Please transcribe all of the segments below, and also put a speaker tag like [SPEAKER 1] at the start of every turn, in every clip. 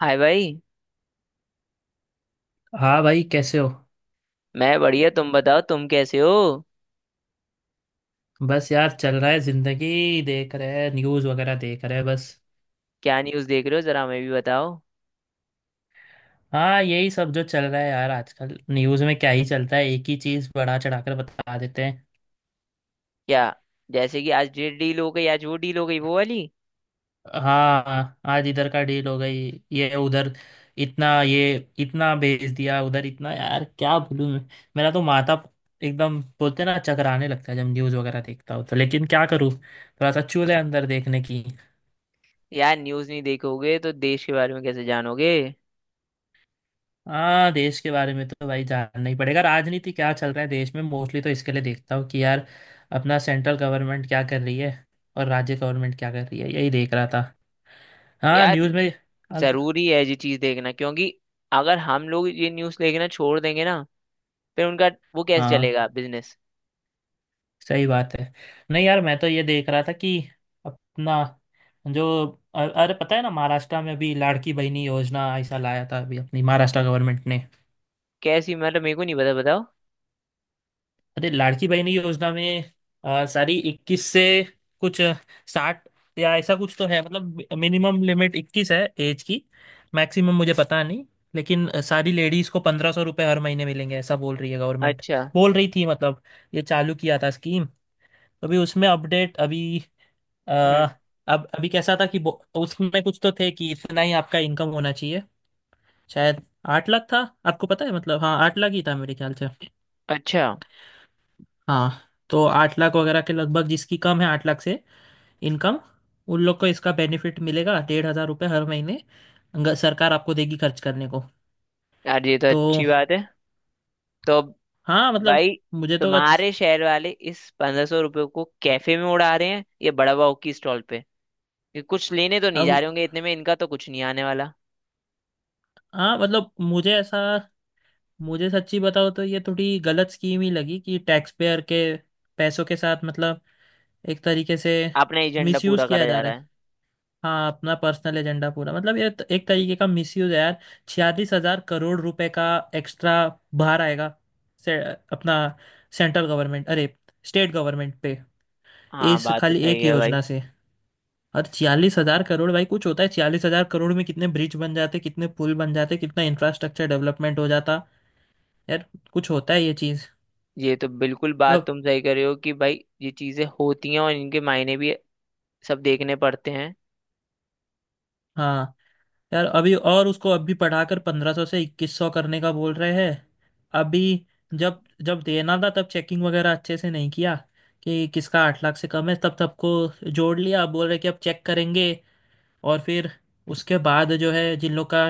[SPEAKER 1] हाय भाई।
[SPEAKER 2] हाँ भाई, कैसे हो।
[SPEAKER 1] मैं बढ़िया, तुम बताओ, तुम कैसे हो?
[SPEAKER 2] बस यार, चल रहा है जिंदगी, देख रहे हैं न्यूज़ वगैरह, देख रहे हैं बस।
[SPEAKER 1] क्या न्यूज़ देख रहे हो, जरा हमें भी बताओ।
[SPEAKER 2] हाँ यही सब जो चल रहा है यार, आजकल न्यूज़ में क्या ही चलता है, एक ही चीज़ बढ़ा चढ़ाकर बता देते हैं।
[SPEAKER 1] क्या? जैसे कि आज ये डील हो गई, आज वो डील हो गई, वो वाली।
[SPEAKER 2] हाँ, आज इधर का डील हो गई ये उधर, इतना ये, इतना भेज दिया उधर इतना, यार क्या बोलूँ मैं। मेरा तो माथा एकदम, बोलते हैं ना, चकराने लगता है जब न्यूज़ वगैरह देखता हूँ तो। लेकिन क्या करूँ, थोड़ा सा चूल है अंदर देखने की।
[SPEAKER 1] यार न्यूज़ नहीं देखोगे तो देश के बारे में कैसे जानोगे?
[SPEAKER 2] हाँ, देश के बारे में तो भाई जानना ही पड़ेगा। राजनीति क्या चल रहा है देश में, मोस्टली तो इसके लिए देखता हूँ कि यार अपना सेंट्रल गवर्नमेंट क्या कर रही है और राज्य गवर्नमेंट क्या कर रही है, यही देख रहा था हाँ
[SPEAKER 1] यार
[SPEAKER 2] न्यूज़ में। तो,
[SPEAKER 1] जरूरी है ये चीज़ देखना, क्योंकि अगर हम लोग ये न्यूज़ देखना छोड़ देंगे ना, फिर उनका वो कैसे
[SPEAKER 2] हाँ
[SPEAKER 1] चलेगा बिजनेस।
[SPEAKER 2] सही बात है। नहीं यार, मैं तो ये देख रहा था कि अपना जो, अरे पता है ना, महाराष्ट्र में अभी लाड़की बहनी योजना ऐसा लाया था अभी अपनी महाराष्ट्र गवर्नमेंट ने।
[SPEAKER 1] कैसी? मतलब मेरे को नहीं पता, बताओ।
[SPEAKER 2] अरे लाड़की बहन योजना में सारी 21 से कुछ 60 या ऐसा कुछ तो है, मतलब मिनिमम लिमिट 21 है एज की, मैक्सिमम मुझे पता नहीं। लेकिन सारी लेडीज को 1,500 रुपये हर महीने मिलेंगे ऐसा बोल रही है गवर्नमेंट,
[SPEAKER 1] अच्छा।
[SPEAKER 2] बोल रही थी मतलब। ये चालू किया था स्कीम। अभी उसमें अपडेट अभी, आ,
[SPEAKER 1] हम्म।
[SPEAKER 2] अब अभी कैसा था कि उसमें कुछ तो थे कि इतना ही आपका इनकम होना चाहिए शायद। 8 लाख था, आपको पता है मतलब? हाँ, 8 लाख ही था मेरे ख्याल से।
[SPEAKER 1] अच्छा।
[SPEAKER 2] हाँ, तो 8 लाख वगैरह के लगभग जिसकी कम है 8 लाख से इनकम, उन लोग को इसका बेनिफिट मिलेगा 1,500 रुपये हर महीने। सरकार आपको देगी खर्च करने को
[SPEAKER 1] यार ये तो
[SPEAKER 2] तो।
[SPEAKER 1] अच्छी बात है। तो अब
[SPEAKER 2] हाँ मतलब
[SPEAKER 1] भाई,
[SPEAKER 2] मुझे तो
[SPEAKER 1] तुम्हारे शहर वाले इस 1500 रुपये को कैफे में उड़ा रहे हैं, ये बड़ा बाव की स्टॉल पे। ये कुछ लेने तो नहीं जा
[SPEAKER 2] अब,
[SPEAKER 1] रहे होंगे, इतने में इनका तो कुछ नहीं आने वाला।
[SPEAKER 2] हाँ मतलब मुझे ऐसा, मुझे सच्ची बताओ तो ये थोड़ी गलत स्कीम ही लगी कि टैक्स पेयर के पैसों के साथ मतलब एक तरीके से
[SPEAKER 1] अपना एजेंडा
[SPEAKER 2] मिसयूज
[SPEAKER 1] पूरा
[SPEAKER 2] किया
[SPEAKER 1] करा
[SPEAKER 2] जा
[SPEAKER 1] जा
[SPEAKER 2] रहा
[SPEAKER 1] रहा
[SPEAKER 2] है।
[SPEAKER 1] है।
[SPEAKER 2] हाँ, अपना पर्सनल एजेंडा पूरा, मतलब ये तो एक तरीके का मिसयूज है यार। 46,000 करोड़ रुपए का एक्स्ट्रा भार आएगा अपना सेंट्रल गवर्नमेंट, अरे स्टेट गवर्नमेंट पे,
[SPEAKER 1] हाँ
[SPEAKER 2] इस
[SPEAKER 1] बात तो
[SPEAKER 2] खाली
[SPEAKER 1] सही
[SPEAKER 2] एक
[SPEAKER 1] है भाई।
[SPEAKER 2] योजना से। और 46,000 करोड़, भाई कुछ होता है 46,000 करोड़ में, कितने ब्रिज बन जाते, कितने पुल बन जाते, कितना इंफ्रास्ट्रक्चर डेवलपमेंट हो जाता यार। कुछ होता है ये चीज।
[SPEAKER 1] ये तो बिल्कुल बात तुम सही कर रहे हो कि भाई ये चीजें होती हैं, और इनके मायने भी सब देखने पड़ते हैं।
[SPEAKER 2] हाँ यार, अभी और उसको अभी पढ़ाकर 1,500 से 2,100 करने का बोल रहे हैं अभी। जब जब देना था तब चेकिंग वगैरह अच्छे से नहीं किया कि किसका 8 लाख से कम है, तब सबको जोड़ लिया, अब बोल रहे कि अब चेक करेंगे, और फिर उसके बाद जो है जिन लोग का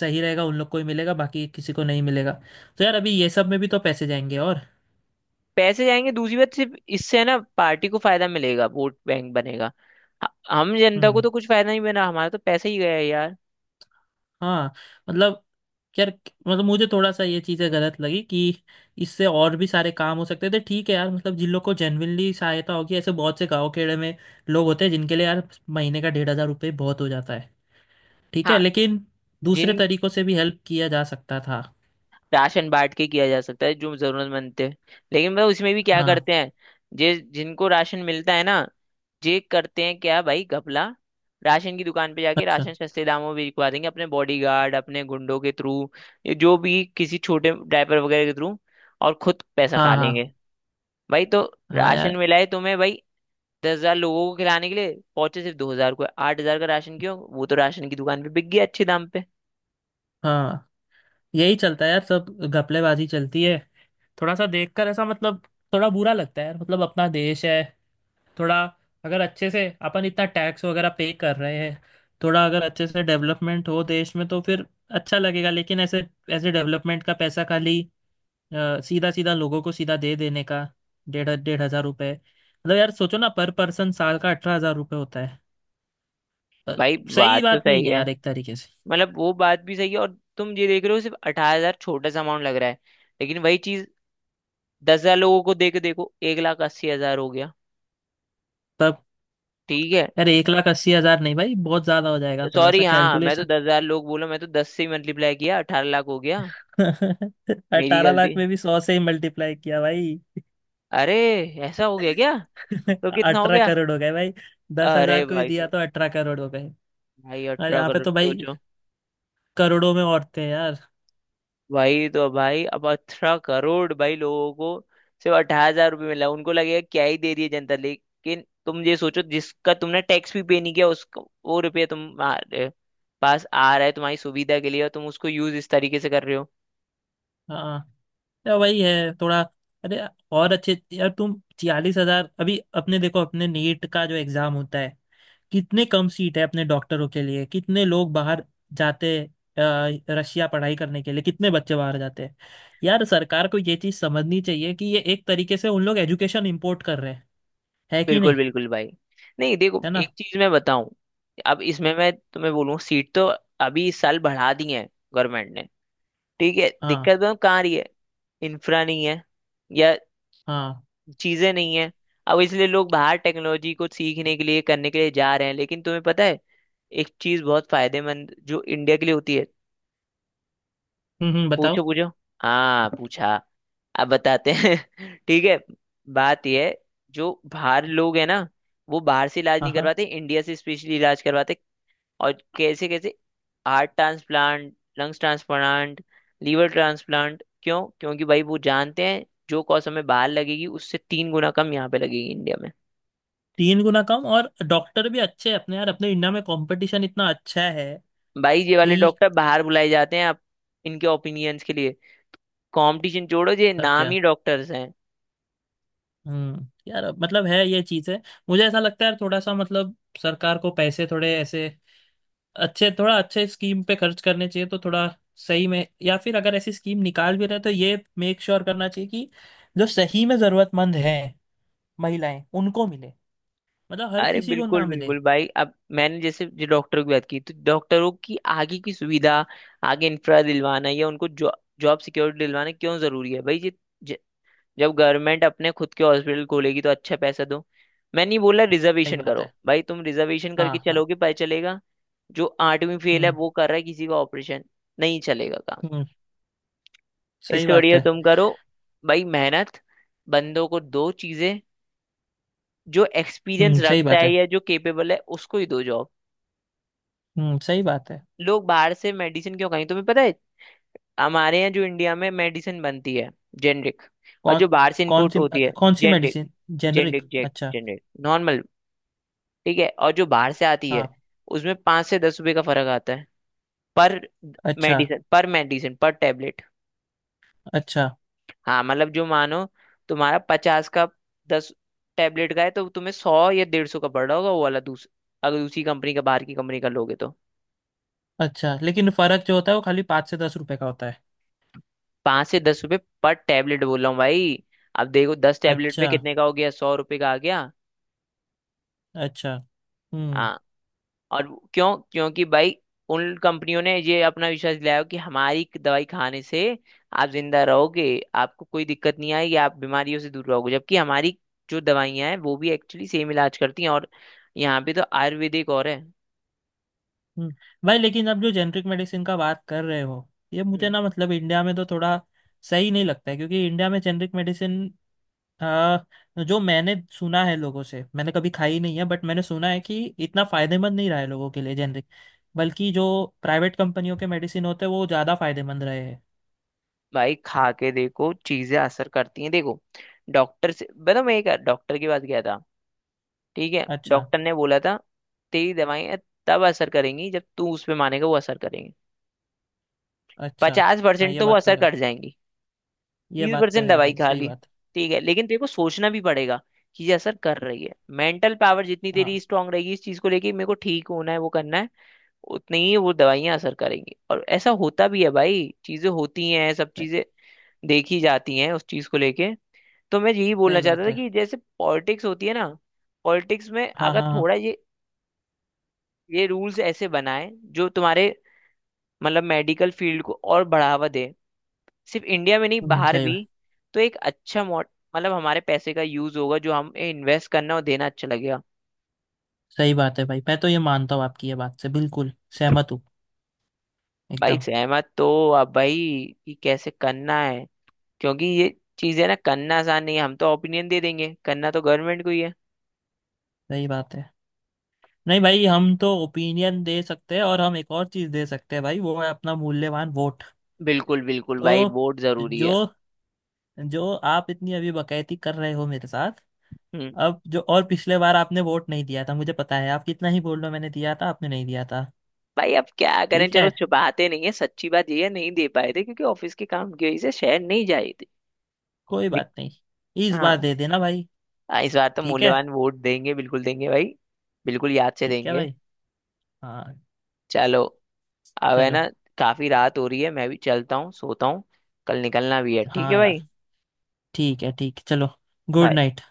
[SPEAKER 2] सही रहेगा उन लोग को ही मिलेगा, बाकी किसी को नहीं मिलेगा। तो यार अभी ये सब में भी तो पैसे जाएंगे और।
[SPEAKER 1] पैसे जाएंगे, दूसरी बात सिर्फ इससे है ना, पार्टी को फायदा मिलेगा, वोट बैंक बनेगा। हम जनता को
[SPEAKER 2] हम्म।
[SPEAKER 1] तो कुछ फायदा नहीं बना, हमारा तो पैसा ही गया यार।
[SPEAKER 2] हाँ मतलब यार, मतलब मुझे थोड़ा सा ये चीज़ें गलत लगी कि इससे और भी सारे काम हो सकते थे। ठीक है यार, मतलब जिन लोग को जेन्युइनली सहायता होगी ऐसे बहुत से गाँव खेड़े में लोग होते हैं जिनके लिए यार महीने का 1,500 रुपये बहुत हो जाता है, ठीक है।
[SPEAKER 1] हाँ।
[SPEAKER 2] लेकिन दूसरे
[SPEAKER 1] जिन
[SPEAKER 2] तरीकों से भी हेल्प किया जा सकता था।
[SPEAKER 1] राशन बांट के किया जा सकता है जो जरूरतमंद थे। लेकिन भाई उसमें भी क्या
[SPEAKER 2] हाँ।
[SPEAKER 1] करते हैं। जे जिनको राशन मिलता है ना, जे करते हैं क्या भाई, घपला। राशन की दुकान पे जाके
[SPEAKER 2] अच्छा।
[SPEAKER 1] राशन सस्ते दामों में बिकवा देंगे अपने बॉडीगार्ड, अपने गुंडों के थ्रू, जो भी किसी छोटे ड्राइवर वगैरह के थ्रू, और खुद पैसा
[SPEAKER 2] हाँ,
[SPEAKER 1] खा लेंगे।
[SPEAKER 2] हाँ,
[SPEAKER 1] भाई तो
[SPEAKER 2] हाँ,
[SPEAKER 1] राशन
[SPEAKER 2] यार
[SPEAKER 1] मिला है तुम्हें भाई? 10 हजार लोगों को खिलाने के लिए पहुंचे सिर्फ 2 हजार को, 8 हजार का राशन क्यों? वो तो राशन की दुकान पे बिक गया अच्छे दाम पे।
[SPEAKER 2] हाँ। यही चलता है यार, सब घपलेबाजी चलती है। थोड़ा सा देखकर, ऐसा मतलब थोड़ा बुरा लगता है यार, मतलब अपना देश है थोड़ा। अगर अच्छे से अपन इतना टैक्स वगैरह पे कर रहे हैं, थोड़ा अगर अच्छे से डेवलपमेंट हो देश में तो फिर अच्छा लगेगा। लेकिन ऐसे, ऐसे डेवलपमेंट का पैसा खाली सीधा सीधा लोगों को सीधा दे देने का, डेढ़ डेढ़ हजार रुपए, मतलब यार सोचो ना, पर पर्सन साल का 18,000 रुपये होता है। अ,
[SPEAKER 1] भाई
[SPEAKER 2] सही
[SPEAKER 1] बात तो
[SPEAKER 2] बात नहीं
[SPEAKER 1] सही
[SPEAKER 2] है
[SPEAKER 1] है।
[SPEAKER 2] यार एक तरीके से।
[SPEAKER 1] मतलब वो बात भी सही है, और तुम ये देख रहे हो सिर्फ 18 हजार, छोटा सा अमाउंट लग रहा है। लेकिन वही चीज 10 हजार लोगों को देके देखो, 1 लाख 80 हजार हो गया।
[SPEAKER 2] तब
[SPEAKER 1] ठीक है।
[SPEAKER 2] यार 1,80,000 नहीं भाई, बहुत ज्यादा हो जाएगा, थोड़ा
[SPEAKER 1] सॉरी,
[SPEAKER 2] सा
[SPEAKER 1] हाँ, मैं तो
[SPEAKER 2] कैलकुलेशन।
[SPEAKER 1] 10 हजार लोग बोला, मैं तो दस से मल्टीप्लाई किया, 18 लाख हो गया। मेरी
[SPEAKER 2] अठारह
[SPEAKER 1] गलती।
[SPEAKER 2] लाख में भी 100 से ही मल्टीप्लाई किया भाई।
[SPEAKER 1] अरे, ऐसा हो गया क्या? तो कितना हो
[SPEAKER 2] अठारह
[SPEAKER 1] गया?
[SPEAKER 2] करोड़ हो गए भाई। दस
[SPEAKER 1] अरे
[SPEAKER 2] हजार को ही
[SPEAKER 1] भाई
[SPEAKER 2] दिया
[SPEAKER 1] साहब।
[SPEAKER 2] तो 18 करोड़ हो गए।
[SPEAKER 1] भाई
[SPEAKER 2] अरे
[SPEAKER 1] अठारह
[SPEAKER 2] यहाँ पे
[SPEAKER 1] करोड़
[SPEAKER 2] तो भाई
[SPEAKER 1] सोचो।
[SPEAKER 2] करोड़ों में औरतें हैं यार।
[SPEAKER 1] वही तो भाई, अब 18 करोड़ भाई लोगों को सिर्फ 18 हजार रुपये मिला, उनको लगेगा क्या ही दे रही है जनता, लेकिन तुम ये सोचो, जिसका तुमने टैक्स भी पे नहीं किया, उसको वो रुपये तुम्हारे पास आ रहा है तुम्हारी सुविधा के लिए, और तुम उसको यूज इस तरीके से कर रहे हो।
[SPEAKER 2] हाँ, या वही है थोड़ा। अरे और अच्छे, यार तुम 46,000, अभी अपने देखो अपने नीट का जो एग्जाम होता है, कितने कम सीट है अपने डॉक्टरों के लिए। कितने लोग बाहर जाते हैं रशिया पढ़ाई करने के लिए, कितने बच्चे बाहर जाते हैं यार। सरकार को ये चीज समझनी चाहिए कि ये एक तरीके से उन लोग एजुकेशन इम्पोर्ट कर रहे हैं, है कि
[SPEAKER 1] बिल्कुल
[SPEAKER 2] नहीं,
[SPEAKER 1] बिल्कुल भाई। नहीं, देखो
[SPEAKER 2] है ना।
[SPEAKER 1] एक चीज मैं बताऊं। अब इसमें मैं तुम्हें बोलूं, सीट तो अभी इस साल बढ़ा दी है गवर्नमेंट ने। ठीक है,
[SPEAKER 2] हाँ,
[SPEAKER 1] दिक्कत तो कहाँ आ रही है? इंफ्रा नहीं है, या
[SPEAKER 2] हाँ।
[SPEAKER 1] चीजें नहीं है। अब इसलिए लोग बाहर टेक्नोलॉजी को सीखने के लिए, करने के लिए जा रहे हैं, लेकिन तुम्हें पता है एक चीज बहुत फायदेमंद जो इंडिया के लिए होती है।
[SPEAKER 2] बताओ।
[SPEAKER 1] पूछो पूछो। हाँ पूछा। अब बताते हैं। ठीक है। बात यह है, जो बाहर लोग है ना, वो बाहर से इलाज
[SPEAKER 2] हाँ,
[SPEAKER 1] नहीं
[SPEAKER 2] हाँ,
[SPEAKER 1] करवाते, इंडिया से स्पेशली इलाज करवाते। और कैसे कैसे, heart transplant, lungs transplant, liver transplant, क्यों? क्योंकि भाई वो जानते हैं, जो कॉस्ट हमें बाहर लगेगी उससे तीन गुना कम यहाँ पे लगेगी इंडिया में।
[SPEAKER 2] तीन गुना कम, और डॉक्टर भी अच्छे हैं अपने, यार अपने इंडिया में कंपटीशन इतना अच्छा है
[SPEAKER 1] भाई ये वाले
[SPEAKER 2] कि।
[SPEAKER 1] डॉक्टर बाहर बुलाए जाते हैं आप इनके ओपिनियंस के लिए। कंपटीशन छोड़ो, ये
[SPEAKER 2] सब
[SPEAKER 1] नाम
[SPEAKER 2] क्या।
[SPEAKER 1] ही डॉक्टर्स हैं।
[SPEAKER 2] यार, मतलब है ये चीज़ है। मुझे ऐसा लगता है यार थोड़ा सा, मतलब सरकार को पैसे थोड़े ऐसे अच्छे, थोड़ा अच्छे स्कीम पे खर्च करने चाहिए, तो थोड़ा सही में। या फिर अगर ऐसी स्कीम निकाल भी रहे, तो ये मेक श्योर करना चाहिए कि जो सही में जरूरतमंद है महिलाएं उनको मिले, मतलब हर
[SPEAKER 1] अरे
[SPEAKER 2] किसी को ना
[SPEAKER 1] बिल्कुल
[SPEAKER 2] मिले।
[SPEAKER 1] बिल्कुल भाई। अब मैंने जैसे जो डॉक्टरों की बात की, तो डॉक्टरों की आगे की सुविधा, आगे इंफ्रा दिलवाना, या उनको जॉब जॉब सिक्योरिटी दिलवाना क्यों जरूरी है भाई, ये ज- जब गवर्नमेंट अपने खुद के हॉस्पिटल खोलेगी तो अच्छा पैसा दो। मैं नहीं बोला
[SPEAKER 2] सही
[SPEAKER 1] रिजर्वेशन
[SPEAKER 2] बात
[SPEAKER 1] करो,
[SPEAKER 2] है।
[SPEAKER 1] भाई तुम रिजर्वेशन
[SPEAKER 2] हाँ,
[SPEAKER 1] करके
[SPEAKER 2] हाँ।
[SPEAKER 1] चलोगे, पता चलेगा जो 8वीं फेल है
[SPEAKER 2] हम्म
[SPEAKER 1] वो कर रहा है किसी का ऑपरेशन। नहीं चलेगा काम।
[SPEAKER 2] हम्म, सही
[SPEAKER 1] इससे
[SPEAKER 2] बात
[SPEAKER 1] बढ़िया
[SPEAKER 2] है।
[SPEAKER 1] तुम करो भाई, मेहनत। बंदों को दो चीजें, जो एक्सपीरियंस
[SPEAKER 2] हम्म, सही
[SPEAKER 1] रखता
[SPEAKER 2] बात
[SPEAKER 1] है
[SPEAKER 2] है।
[SPEAKER 1] या जो केपेबल है, उसको ही दो जॉब।
[SPEAKER 2] हम्म, सही बात है।
[SPEAKER 1] लोग बाहर से मेडिसिन क्यों खाएं, तुम्हें पता है? हमारे यहाँ जो इंडिया में मेडिसिन बनती है, जेनरिक, और
[SPEAKER 2] कौन।
[SPEAKER 1] जो बाहर से
[SPEAKER 2] कौन
[SPEAKER 1] इंपोर्ट
[SPEAKER 2] सी?
[SPEAKER 1] होती है।
[SPEAKER 2] कौन सी
[SPEAKER 1] जेनरिक
[SPEAKER 2] मेडिसिन? जेनरिक,
[SPEAKER 1] जेनरिक जेक
[SPEAKER 2] अच्छा।
[SPEAKER 1] Generic normal. ठीक है, और जो बाहर से आती है
[SPEAKER 2] हाँ।
[SPEAKER 1] उसमें 5 से 10 रुपए का फर्क आता है पर
[SPEAKER 2] अच्छा।
[SPEAKER 1] मेडिसिन, पर मेडिसिन, पर टेबलेट।
[SPEAKER 2] अच्छा।
[SPEAKER 1] हाँ मतलब, जो मानो तुम्हारा 50 का 10 टेबलेट का है, तो तुम्हें 100 या 150 का पड़ रहा होगा वो वाला, दूस अगर दूसरी कंपनी का, बाहर की कंपनी का लोगे तो।
[SPEAKER 2] अच्छा लेकिन फर्क जो होता है वो खाली 5 से 10 रुपए का होता है।
[SPEAKER 1] 5 से 10 रुपए पर टेबलेट बोल रहा हूँ भाई। अब देखो 10 टेबलेट पे
[SPEAKER 2] अच्छा।
[SPEAKER 1] कितने का हो गया, 100 रुपए का आ गया।
[SPEAKER 2] अच्छा। हम्म
[SPEAKER 1] हाँ, और क्यों? क्योंकि भाई उन कंपनियों ने ये अपना विश्वास दिलाया कि हमारी दवाई खाने से आप जिंदा रहोगे, आपको कोई दिक्कत नहीं आएगी, आप बीमारियों से दूर रहोगे, जबकि हमारी जो दवाइयां हैं वो भी एक्चुअली सेम इलाज करती हैं, और यहाँ पे तो आयुर्वेदिक और है।
[SPEAKER 2] हम्म। भाई लेकिन अब जो जेनरिक मेडिसिन का बात कर रहे हो, ये मुझे
[SPEAKER 1] हम्म,
[SPEAKER 2] ना मतलब इंडिया में तो थोड़ा सही नहीं लगता है, क्योंकि इंडिया में जेनरिक मेडिसिन आ, जो मैंने सुना है लोगों से, मैंने कभी खाई नहीं है बट मैंने सुना है कि इतना फायदेमंद नहीं रहा है लोगों के लिए जेनरिक, बल्कि जो प्राइवेट कंपनियों के मेडिसिन होते हैं वो ज़्यादा फायदेमंद रहे हैं।
[SPEAKER 1] भाई खा के देखो, चीजें असर करती हैं। देखो, डॉक्टर से बताओ, मैं एक डॉक्टर के पास गया था। ठीक है,
[SPEAKER 2] अच्छा।
[SPEAKER 1] डॉक्टर ने बोला था तेरी दवाइयां तब असर करेंगी जब तू उस पे मानेगा वो असर करेंगी।
[SPEAKER 2] अच्छा,
[SPEAKER 1] पचास
[SPEAKER 2] हाँ
[SPEAKER 1] परसेंट
[SPEAKER 2] ये
[SPEAKER 1] तो वो
[SPEAKER 2] बात तो
[SPEAKER 1] असर
[SPEAKER 2] है।
[SPEAKER 1] कर जाएंगी,
[SPEAKER 2] ये
[SPEAKER 1] बीस
[SPEAKER 2] बात तो
[SPEAKER 1] परसेंट
[SPEAKER 2] है
[SPEAKER 1] दवाई
[SPEAKER 2] भाई,
[SPEAKER 1] खा
[SPEAKER 2] सही
[SPEAKER 1] ली।
[SPEAKER 2] बात
[SPEAKER 1] ठीक है, लेकिन तेरे को सोचना भी पड़ेगा कि ये असर कर रही है। मेंटल पावर जितनी
[SPEAKER 2] है।
[SPEAKER 1] तेरी
[SPEAKER 2] हाँ,
[SPEAKER 1] स्ट्रांग रहेगी इस चीज को लेके, मेरे को ठीक होना है वो करना है, उतनी ही वो दवाइयां असर करेंगी। और ऐसा होता भी है भाई, चीजें होती हैं, सब
[SPEAKER 2] सही,
[SPEAKER 1] चीजें देखी जाती हैं उस चीज को लेके। तो मैं यही बोलना
[SPEAKER 2] सही
[SPEAKER 1] चाहता
[SPEAKER 2] बात
[SPEAKER 1] था
[SPEAKER 2] है।
[SPEAKER 1] कि जैसे पॉलिटिक्स होती है ना, पॉलिटिक्स में
[SPEAKER 2] हाँ,
[SPEAKER 1] अगर
[SPEAKER 2] हाँ, हाँ।
[SPEAKER 1] थोड़ा ये रूल्स ऐसे बनाए जो तुम्हारे, मतलब, मेडिकल फील्ड को और बढ़ावा दे, सिर्फ इंडिया में नहीं बाहर
[SPEAKER 2] सही
[SPEAKER 1] भी।
[SPEAKER 2] बात।
[SPEAKER 1] तो एक अच्छा मॉड मतलब हमारे पैसे का यूज होगा, जो हम इन्वेस्ट करना और देना अच्छा लगेगा।
[SPEAKER 2] सही बात है भाई, मैं तो ये मानता हूँ, आपकी ये बात से बिल्कुल सहमत हूँ
[SPEAKER 1] भाई
[SPEAKER 2] एकदम।
[SPEAKER 1] सहमत तो, अब भाई कि कैसे करना है, क्योंकि ये चीजें ना करना आसान नहीं है, हम तो ओपिनियन दे देंगे, करना तो गवर्नमेंट को ही है।
[SPEAKER 2] सही बात है। नहीं भाई, हम तो ओपिनियन दे सकते हैं और हम एक और चीज़ दे सकते हैं भाई, वो है अपना मूल्यवान वोट।
[SPEAKER 1] बिल्कुल बिल्कुल भाई,
[SPEAKER 2] तो,
[SPEAKER 1] वोट जरूरी
[SPEAKER 2] जो
[SPEAKER 1] है।
[SPEAKER 2] जो आप इतनी अभी बकैती कर रहे हो मेरे साथ,
[SPEAKER 1] हम्म।
[SPEAKER 2] अब जो, और पिछले बार आपने वोट नहीं दिया था, मुझे पता है, आप कितना ही बोल लो, मैंने दिया था, आपने नहीं दिया था।
[SPEAKER 1] भाई अब क्या करें,
[SPEAKER 2] ठीक
[SPEAKER 1] चलो
[SPEAKER 2] है,
[SPEAKER 1] छुपाते नहीं है, सच्ची बात ये है, नहीं दे पाए थे क्योंकि ऑफिस के काम की वजह से शहर नहीं जाए थे।
[SPEAKER 2] कोई बात
[SPEAKER 1] दिक-
[SPEAKER 2] नहीं, इस
[SPEAKER 1] हाँ
[SPEAKER 2] बार दे देना भाई।
[SPEAKER 1] हाँ, इस बार तो
[SPEAKER 2] ठीक है,
[SPEAKER 1] मूल्यवान वोट देंगे, बिल्कुल देंगे भाई। बिल्कुल याद से
[SPEAKER 2] ठीक है
[SPEAKER 1] देंगे।
[SPEAKER 2] भाई। हाँ,
[SPEAKER 1] चलो, अब है
[SPEAKER 2] चलो।
[SPEAKER 1] ना, काफी रात हो रही है, मैं भी चलता हूँ, सोता हूँ, कल निकलना भी है। ठीक है
[SPEAKER 2] हाँ यार,
[SPEAKER 1] भाई।
[SPEAKER 2] ठीक है, चलो। Good
[SPEAKER 1] Bye.
[SPEAKER 2] नाइट।